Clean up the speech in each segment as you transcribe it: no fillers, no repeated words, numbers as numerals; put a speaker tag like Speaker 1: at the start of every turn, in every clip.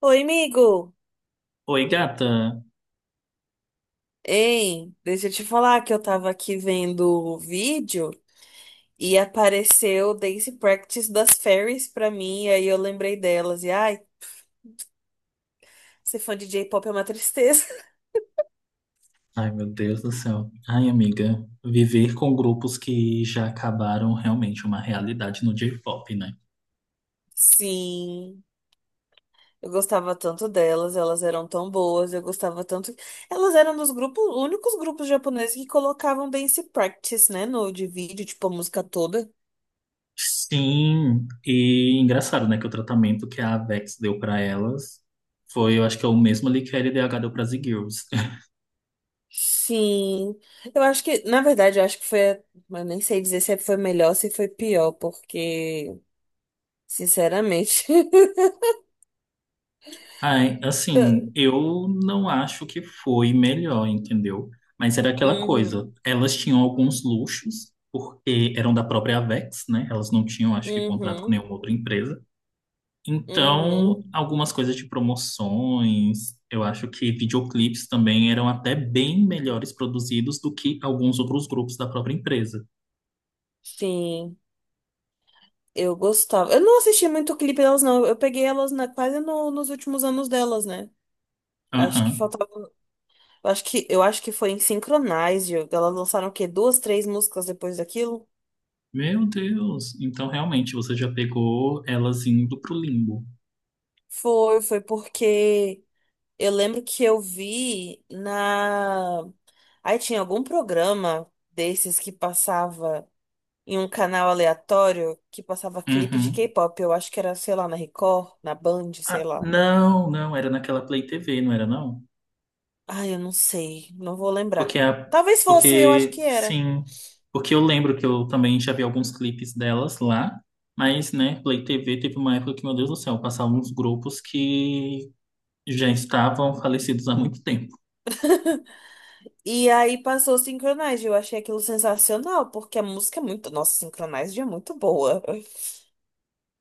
Speaker 1: Oi, amigo!
Speaker 2: Oi, gata.
Speaker 1: Ei, deixa eu te falar que eu tava aqui vendo o vídeo e apareceu Dance Practice das Fairies pra mim, e aí eu lembrei delas. E ai, ser fã de J-pop é uma tristeza.
Speaker 2: Ai, meu Deus do céu. Ai, amiga, viver com grupos que já acabaram realmente uma realidade no J-pop, né?
Speaker 1: Sim, eu gostava tanto delas, elas eram tão boas, eu gostava tanto. Elas eram dos únicos grupos japoneses que colocavam Dance Practice, né, no de vídeo, tipo a música toda.
Speaker 2: Sim, e engraçado, né, que o tratamento que a Vex deu pra elas foi, eu acho que é o mesmo ali que a LDH deu para as Girls.
Speaker 1: Sim, eu acho que, na verdade, eu acho que foi, eu nem sei dizer se foi melhor ou se foi pior, porque, sinceramente.
Speaker 2: Ai, assim, eu não acho que foi melhor, entendeu? Mas era aquela coisa,
Speaker 1: Uhum.
Speaker 2: elas tinham alguns luxos, porque eram da própria Vex, né? Elas não tinham, acho que, contrato com
Speaker 1: Uhum.
Speaker 2: nenhuma outra empresa.
Speaker 1: Uhum.
Speaker 2: Então, algumas coisas de promoções, eu acho que videoclipes também eram até bem melhores produzidos do que alguns outros grupos da própria empresa.
Speaker 1: Sim, eu gostava. Eu não assisti muito clipe delas, não, eu peguei elas na, quase no- nos últimos anos delas, né? Acho que
Speaker 2: Aham.
Speaker 1: faltava, eu acho que foi em Synchronize, elas lançaram o quê? Duas, três músicas depois daquilo?
Speaker 2: Meu Deus, então realmente você já pegou elas indo pro limbo.
Speaker 1: Foi porque eu lembro que eu vi na. Aí tinha algum programa desses que passava em um canal aleatório que passava clipe de
Speaker 2: Uhum.
Speaker 1: K-pop. Eu acho que era, sei lá, na Record, na Band, sei
Speaker 2: Ah,
Speaker 1: lá.
Speaker 2: não, não, era naquela Play TV, não era não?
Speaker 1: Ai, eu não sei, não vou lembrar.
Speaker 2: Porque a,
Speaker 1: Talvez fosse, eu acho que
Speaker 2: Porque
Speaker 1: era.
Speaker 2: sim, porque eu lembro que eu também já vi alguns clipes delas lá, mas né, Play TV teve uma época que, meu Deus do céu, passavam uns grupos que já estavam falecidos há muito tempo.
Speaker 1: E aí passou o Synchronize, eu achei aquilo sensacional, porque a música é muito. Nossa, Synchronize é muito boa.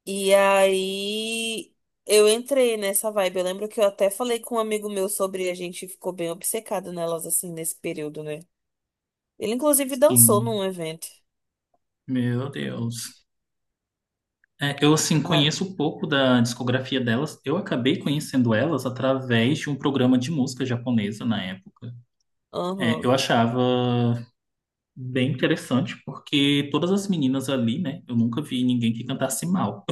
Speaker 1: E aí eu entrei nessa vibe. Eu lembro que eu até falei com um amigo meu sobre, a gente ficou bem obcecado nelas assim nesse período, né? Ele inclusive dançou
Speaker 2: Sim,
Speaker 1: num evento.
Speaker 2: meu Deus. É, eu, assim,
Speaker 1: Ah,
Speaker 2: conheço um pouco da discografia delas. Eu acabei conhecendo elas através de um programa de música japonesa na época. É, eu
Speaker 1: aham.
Speaker 2: achava bem interessante, porque todas as meninas ali, né? Eu nunca vi ninguém que cantasse mal.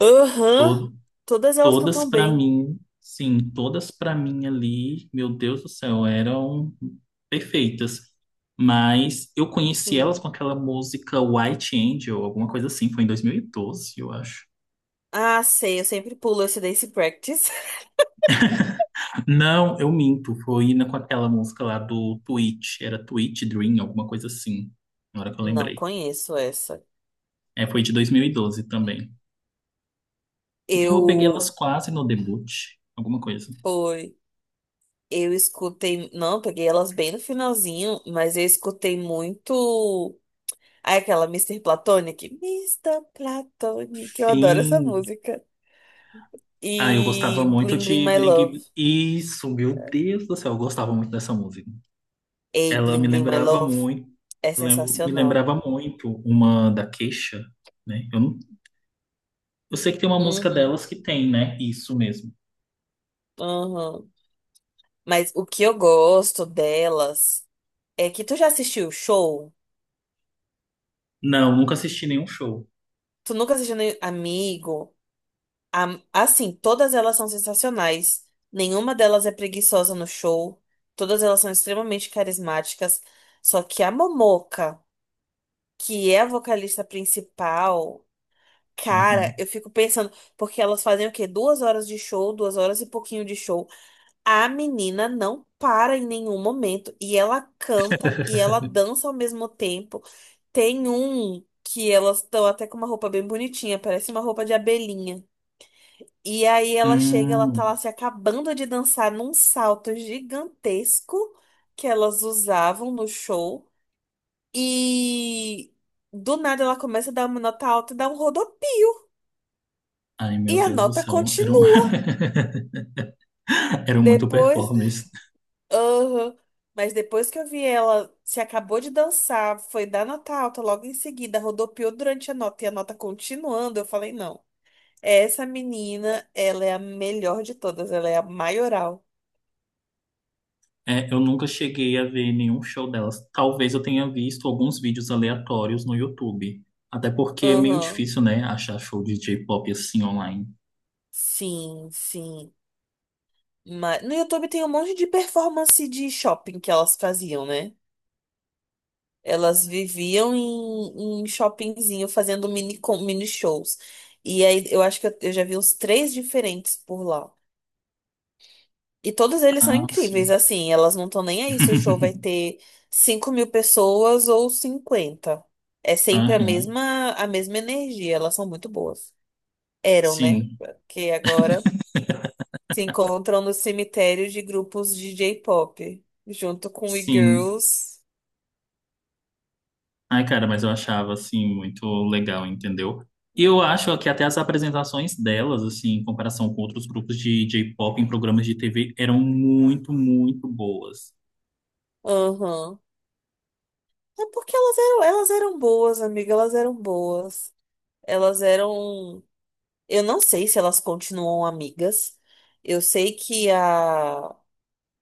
Speaker 1: Aham. Todas elas cantam bem.
Speaker 2: Todas pra mim ali, meu Deus do céu, eram perfeitas. Mas eu conheci elas com
Speaker 1: Sim.
Speaker 2: aquela música White Angel, alguma coisa assim, foi em 2012 eu acho.
Speaker 1: Ah, sei, eu sempre pulo esse Dance Practice.
Speaker 2: Não, eu minto, com aquela música lá do Twitch, era Twitch Dream, alguma coisa assim, na hora que eu
Speaker 1: Não
Speaker 2: lembrei.
Speaker 1: conheço essa.
Speaker 2: É, foi de 2012 também. Então eu peguei
Speaker 1: Eu
Speaker 2: elas quase no debut, alguma coisa.
Speaker 1: foi, eu escutei, não, peguei elas bem no finalzinho, mas eu escutei muito. Aí aquela Mister Platonic. Mister Platonic, eu adoro essa
Speaker 2: Sim.
Speaker 1: música.
Speaker 2: Ah, eu gostava
Speaker 1: E
Speaker 2: muito
Speaker 1: Bling Bling
Speaker 2: de
Speaker 1: My Love.
Speaker 2: Bling... Isso, meu Deus do céu, eu gostava muito dessa música.
Speaker 1: Ei,
Speaker 2: Ela
Speaker 1: Bling
Speaker 2: me
Speaker 1: Bling My
Speaker 2: lembrava
Speaker 1: Love
Speaker 2: muito,
Speaker 1: é
Speaker 2: me
Speaker 1: sensacional.
Speaker 2: lembrava muito uma da Queixa, né? Eu, não, eu sei que tem uma música
Speaker 1: Uhum,
Speaker 2: delas que tem, né? Isso mesmo.
Speaker 1: uhum. Mas o que eu gosto delas é que tu já assistiu o show?
Speaker 2: Não, nunca assisti nenhum show.
Speaker 1: Tu nunca assistiu nem Amigo? Assim, todas elas são sensacionais. Nenhuma delas é preguiçosa no show. Todas elas são extremamente carismáticas. Só que a Momoca, que é a vocalista principal. Cara,
Speaker 2: Aham.
Speaker 1: eu fico pensando, porque elas fazem o quê? 2 horas de show, 2 horas e pouquinho de show. A menina não para em nenhum momento. E ela canta e ela dança ao mesmo tempo. Tem um que elas estão até com uma roupa bem bonitinha, parece uma roupa de abelhinha. E aí ela chega, ela tá
Speaker 2: Hum.
Speaker 1: lá se acabando de dançar num salto gigantesco que elas usavam no show. E do nada ela começa a dar uma nota alta e dá um rodopio.
Speaker 2: Ai, meu
Speaker 1: E a
Speaker 2: Deus do
Speaker 1: nota
Speaker 2: céu, eram,
Speaker 1: continua.
Speaker 2: eram muito
Speaker 1: Depois,
Speaker 2: performers.
Speaker 1: aham. Mas depois que eu vi ela, se acabou de dançar, foi dar nota alta logo em seguida, rodopiou durante a nota e a nota continuando, eu falei, não. Essa menina, ela é a melhor de todas, ela é a maioral.
Speaker 2: É, eu nunca cheguei a ver nenhum show delas. Talvez eu tenha visto alguns vídeos aleatórios no YouTube. Até porque é meio
Speaker 1: Aham.
Speaker 2: difícil, né, achar show de J-pop assim online.
Speaker 1: Sim, sim. Mas no YouTube tem um monte de performance de shopping que elas faziam, né? Elas viviam em, em shoppingzinho fazendo mini, mini shows. E aí eu acho que eu já vi uns três diferentes por lá. E todos eles são
Speaker 2: Ah,
Speaker 1: incríveis,
Speaker 2: sim.
Speaker 1: assim, elas não estão nem aí se o show vai ter 5.000 pessoas ou 50. É sempre
Speaker 2: Aham.
Speaker 1: a mesma energia, elas são muito boas. Eram, né?
Speaker 2: Sim,
Speaker 1: Porque agora se encontram no cemitério de grupos de J-pop, junto com
Speaker 2: sim.
Speaker 1: e-girls.
Speaker 2: Ai, cara, mas eu achava, assim, muito legal, entendeu? E eu acho que até as apresentações delas, assim, em comparação com outros grupos de J-pop em programas de TV, eram muito, muito boas.
Speaker 1: Aham. É porque elas eram boas, amiga, elas eram boas. Elas eram. Eu não sei se elas continuam amigas. Eu sei que a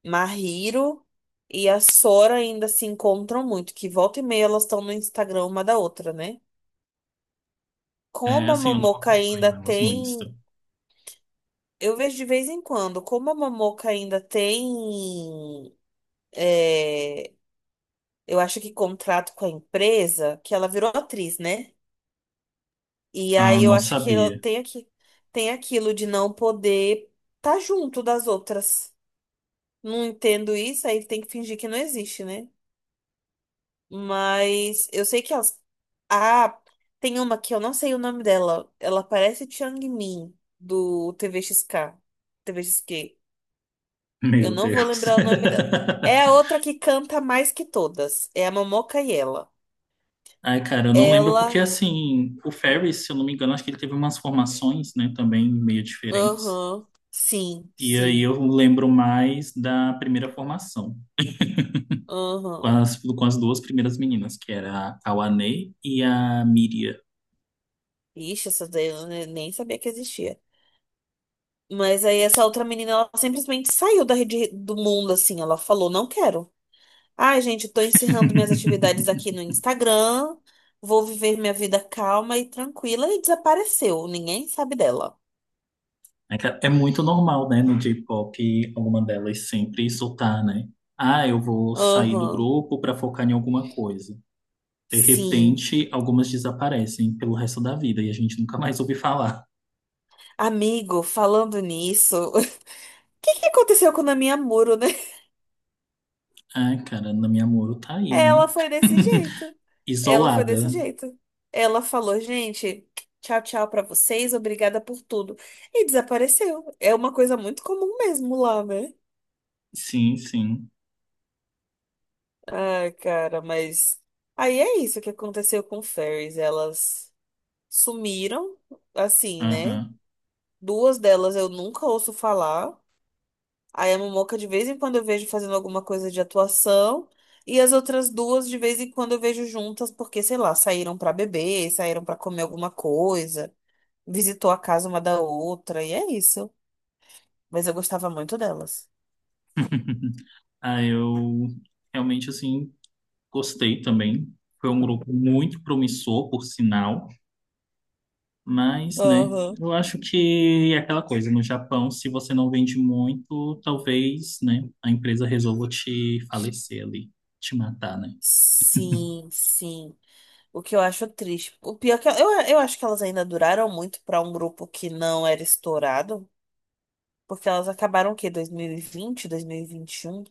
Speaker 1: Mahiro e a Sora ainda se encontram muito, que volta e meia elas estão no Instagram uma da outra, né?
Speaker 2: É,
Speaker 1: Como a
Speaker 2: assim, eu não
Speaker 1: Momoca ainda
Speaker 2: acompanho elas no Insta.
Speaker 1: tem. Eu vejo de vez em quando, como a Momoca ainda tem. É, eu acho que contrato com a empresa, que ela virou atriz, né? E
Speaker 2: Ah,
Speaker 1: aí eu
Speaker 2: não
Speaker 1: acho que ela
Speaker 2: sabia.
Speaker 1: tem aqui, tem aquilo de não poder estar junto das outras. Não entendo isso, aí tem que fingir que não existe, né? Mas eu sei que elas. Ah, tem uma que eu não sei o nome dela. Ela parece Chang Min, do TVXK. TVXQ. Eu
Speaker 2: Meu
Speaker 1: não vou
Speaker 2: Deus.
Speaker 1: lembrar o nome dela. É a outra que canta mais que todas. É a Momoca e ela.
Speaker 2: Ai, cara, eu não lembro porque,
Speaker 1: Ela.
Speaker 2: assim, o Ferris, se eu não me engano, acho que ele teve umas formações, né, também meio diferentes.
Speaker 1: Aham. Sim,
Speaker 2: E aí
Speaker 1: sim.
Speaker 2: eu lembro mais da primeira formação,
Speaker 1: Aham.
Speaker 2: com as duas primeiras meninas, que era a Kawane e a Miria.
Speaker 1: Ixi, essa daí eu nem sabia que existia. Mas aí essa outra menina, ela simplesmente saiu da rede do mundo, assim. Ela falou, não quero. Ai, gente, tô encerrando minhas atividades aqui no Instagram. Vou viver minha vida calma e tranquila e desapareceu. Ninguém sabe dela.
Speaker 2: É que é muito normal, né, no J-pop, alguma delas sempre soltar, né? Ah, eu vou sair do
Speaker 1: Aham.
Speaker 2: grupo para focar em alguma coisa. De
Speaker 1: Sim.
Speaker 2: repente, algumas desaparecem pelo resto da vida e a gente nunca mais ouve falar.
Speaker 1: Amigo, falando nisso, o que que aconteceu com a minha Muro, né?
Speaker 2: Ah, cara, Nami Amuro tá aí, né?
Speaker 1: Ela foi desse jeito. Ela foi desse
Speaker 2: Isolada.
Speaker 1: jeito. Ela falou, gente, tchau, tchau pra vocês, obrigada por tudo. E desapareceu. É uma coisa muito comum mesmo lá, né?
Speaker 2: Sim, sim.
Speaker 1: Ai, cara, mas aí é isso que aconteceu com Fairies. Elas sumiram, assim, né?
Speaker 2: Aham.
Speaker 1: Duas delas eu nunca ouço falar. Aí a Momoca de vez em quando eu vejo fazendo alguma coisa de atuação. E as outras duas de vez em quando eu vejo juntas, porque, sei lá, saíram pra beber, saíram pra comer alguma coisa, visitou a casa uma da outra, e é isso. Mas eu gostava muito delas.
Speaker 2: Ah, eu realmente, assim, gostei também. Foi um grupo muito promissor, por sinal. Mas, né,
Speaker 1: Aham.
Speaker 2: eu acho que é aquela coisa, no Japão, se você não vende muito, talvez, né, a empresa resolva te falecer ali, te matar, né?
Speaker 1: Sim, sim. O que eu acho triste. O pior é que eu acho que elas ainda duraram muito pra um grupo que não era estourado, porque elas acabaram o quê? 2020, 2021.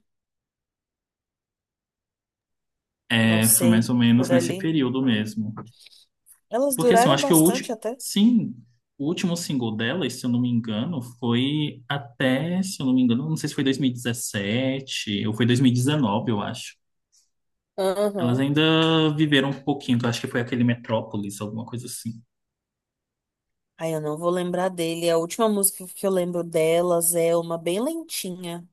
Speaker 1: Não
Speaker 2: É, foi mais
Speaker 1: sei,
Speaker 2: ou menos
Speaker 1: por
Speaker 2: nesse
Speaker 1: ali.
Speaker 2: período mesmo.
Speaker 1: Elas
Speaker 2: Porque assim, eu
Speaker 1: duraram
Speaker 2: acho que o último.
Speaker 1: bastante até.
Speaker 2: Sim, o último single dela, se eu não me engano, foi até, se eu não me engano, não sei se foi 2017 ou foi 2019, eu acho. Elas
Speaker 1: Aham.
Speaker 2: ainda viveram um pouquinho, que eu acho que foi aquele Metrópolis, alguma coisa assim.
Speaker 1: Ai, eu não vou lembrar dele. A última música que eu lembro delas é uma bem lentinha,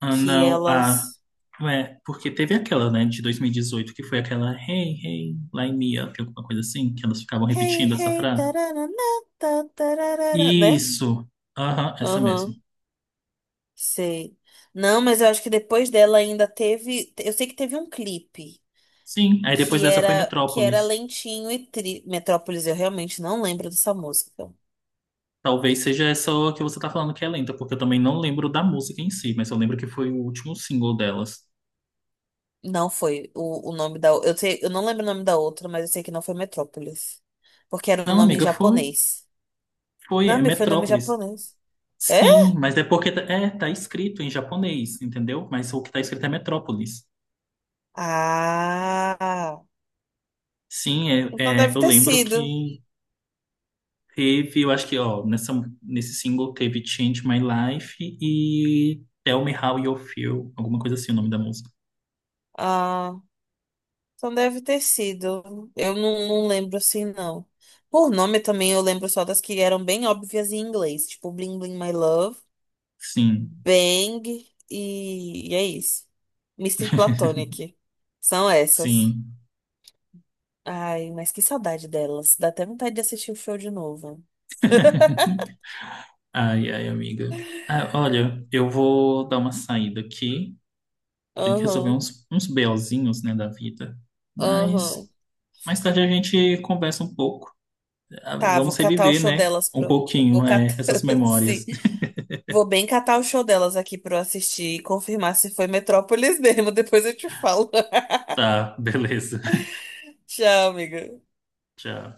Speaker 2: Ah,
Speaker 1: que
Speaker 2: não, ah,
Speaker 1: elas
Speaker 2: é, porque teve aquela, né, de 2018, que foi aquela Hey, hey, line me up, alguma coisa assim, que elas ficavam
Speaker 1: Hey,
Speaker 2: repetindo essa
Speaker 1: hey,
Speaker 2: frase.
Speaker 1: tararana, ta, tararara, né?
Speaker 2: Isso, aham, essa mesmo.
Speaker 1: Aham, sei. Não, mas eu acho que depois dela ainda teve, eu sei que teve um clipe.
Speaker 2: Sim, aí depois
Speaker 1: Que
Speaker 2: dessa foi
Speaker 1: era que era
Speaker 2: Metrópolis.
Speaker 1: lentinho e tri... Metrópolis, eu realmente não lembro dessa música.
Speaker 2: Talvez seja essa que você tá falando que é lenta, porque eu também não lembro da música em si, mas eu lembro que foi o último single delas.
Speaker 1: Não foi o nome da. Eu sei, eu não lembro o nome da outra, mas eu sei que não foi Metrópolis. Porque era um
Speaker 2: Não,
Speaker 1: nome em
Speaker 2: amiga, foi.
Speaker 1: japonês.
Speaker 2: Foi,
Speaker 1: Não,
Speaker 2: é
Speaker 1: me foi nome em
Speaker 2: Metrópolis.
Speaker 1: japonês. É?
Speaker 2: Sim, é, tá escrito em japonês, entendeu? Mas o que tá escrito é Metrópolis.
Speaker 1: Ah!
Speaker 2: Sim,
Speaker 1: Então
Speaker 2: é,
Speaker 1: deve
Speaker 2: eu
Speaker 1: ter
Speaker 2: lembro
Speaker 1: sido.
Speaker 2: que teve, eu acho que, ó, nesse single teve Change My Life e Tell Me How You Feel, alguma coisa assim o nome da música.
Speaker 1: Ah, então deve ter sido. Eu não, não lembro assim, não. Por nome também eu lembro só das que eram bem óbvias em inglês, tipo Bling Bling My Love.
Speaker 2: Sim,
Speaker 1: Bang e é isso. Mister Platonic. São essas.
Speaker 2: sim.
Speaker 1: Ai, mas que saudade delas. Dá até vontade de assistir o show de novo.
Speaker 2: Ai, ai, amiga. Ah, olha, eu vou dar uma saída aqui. Eu tenho que resolver
Speaker 1: Aham,
Speaker 2: uns BOzinhos, né, da vida.
Speaker 1: aham.
Speaker 2: Mas mais tarde a gente conversa um pouco. Ah,
Speaker 1: Tá, vou
Speaker 2: vamos
Speaker 1: catar o
Speaker 2: reviver,
Speaker 1: show
Speaker 2: né?
Speaker 1: delas
Speaker 2: Um
Speaker 1: pro. Vou
Speaker 2: pouquinho, é,
Speaker 1: catar.
Speaker 2: essas
Speaker 1: Sim.
Speaker 2: memórias.
Speaker 1: Vou bem catar o show delas aqui pra eu assistir e confirmar se foi Metrópolis mesmo. Depois eu te falo.
Speaker 2: Tá, beleza.
Speaker 1: Tchau, amiga.
Speaker 2: Tchau.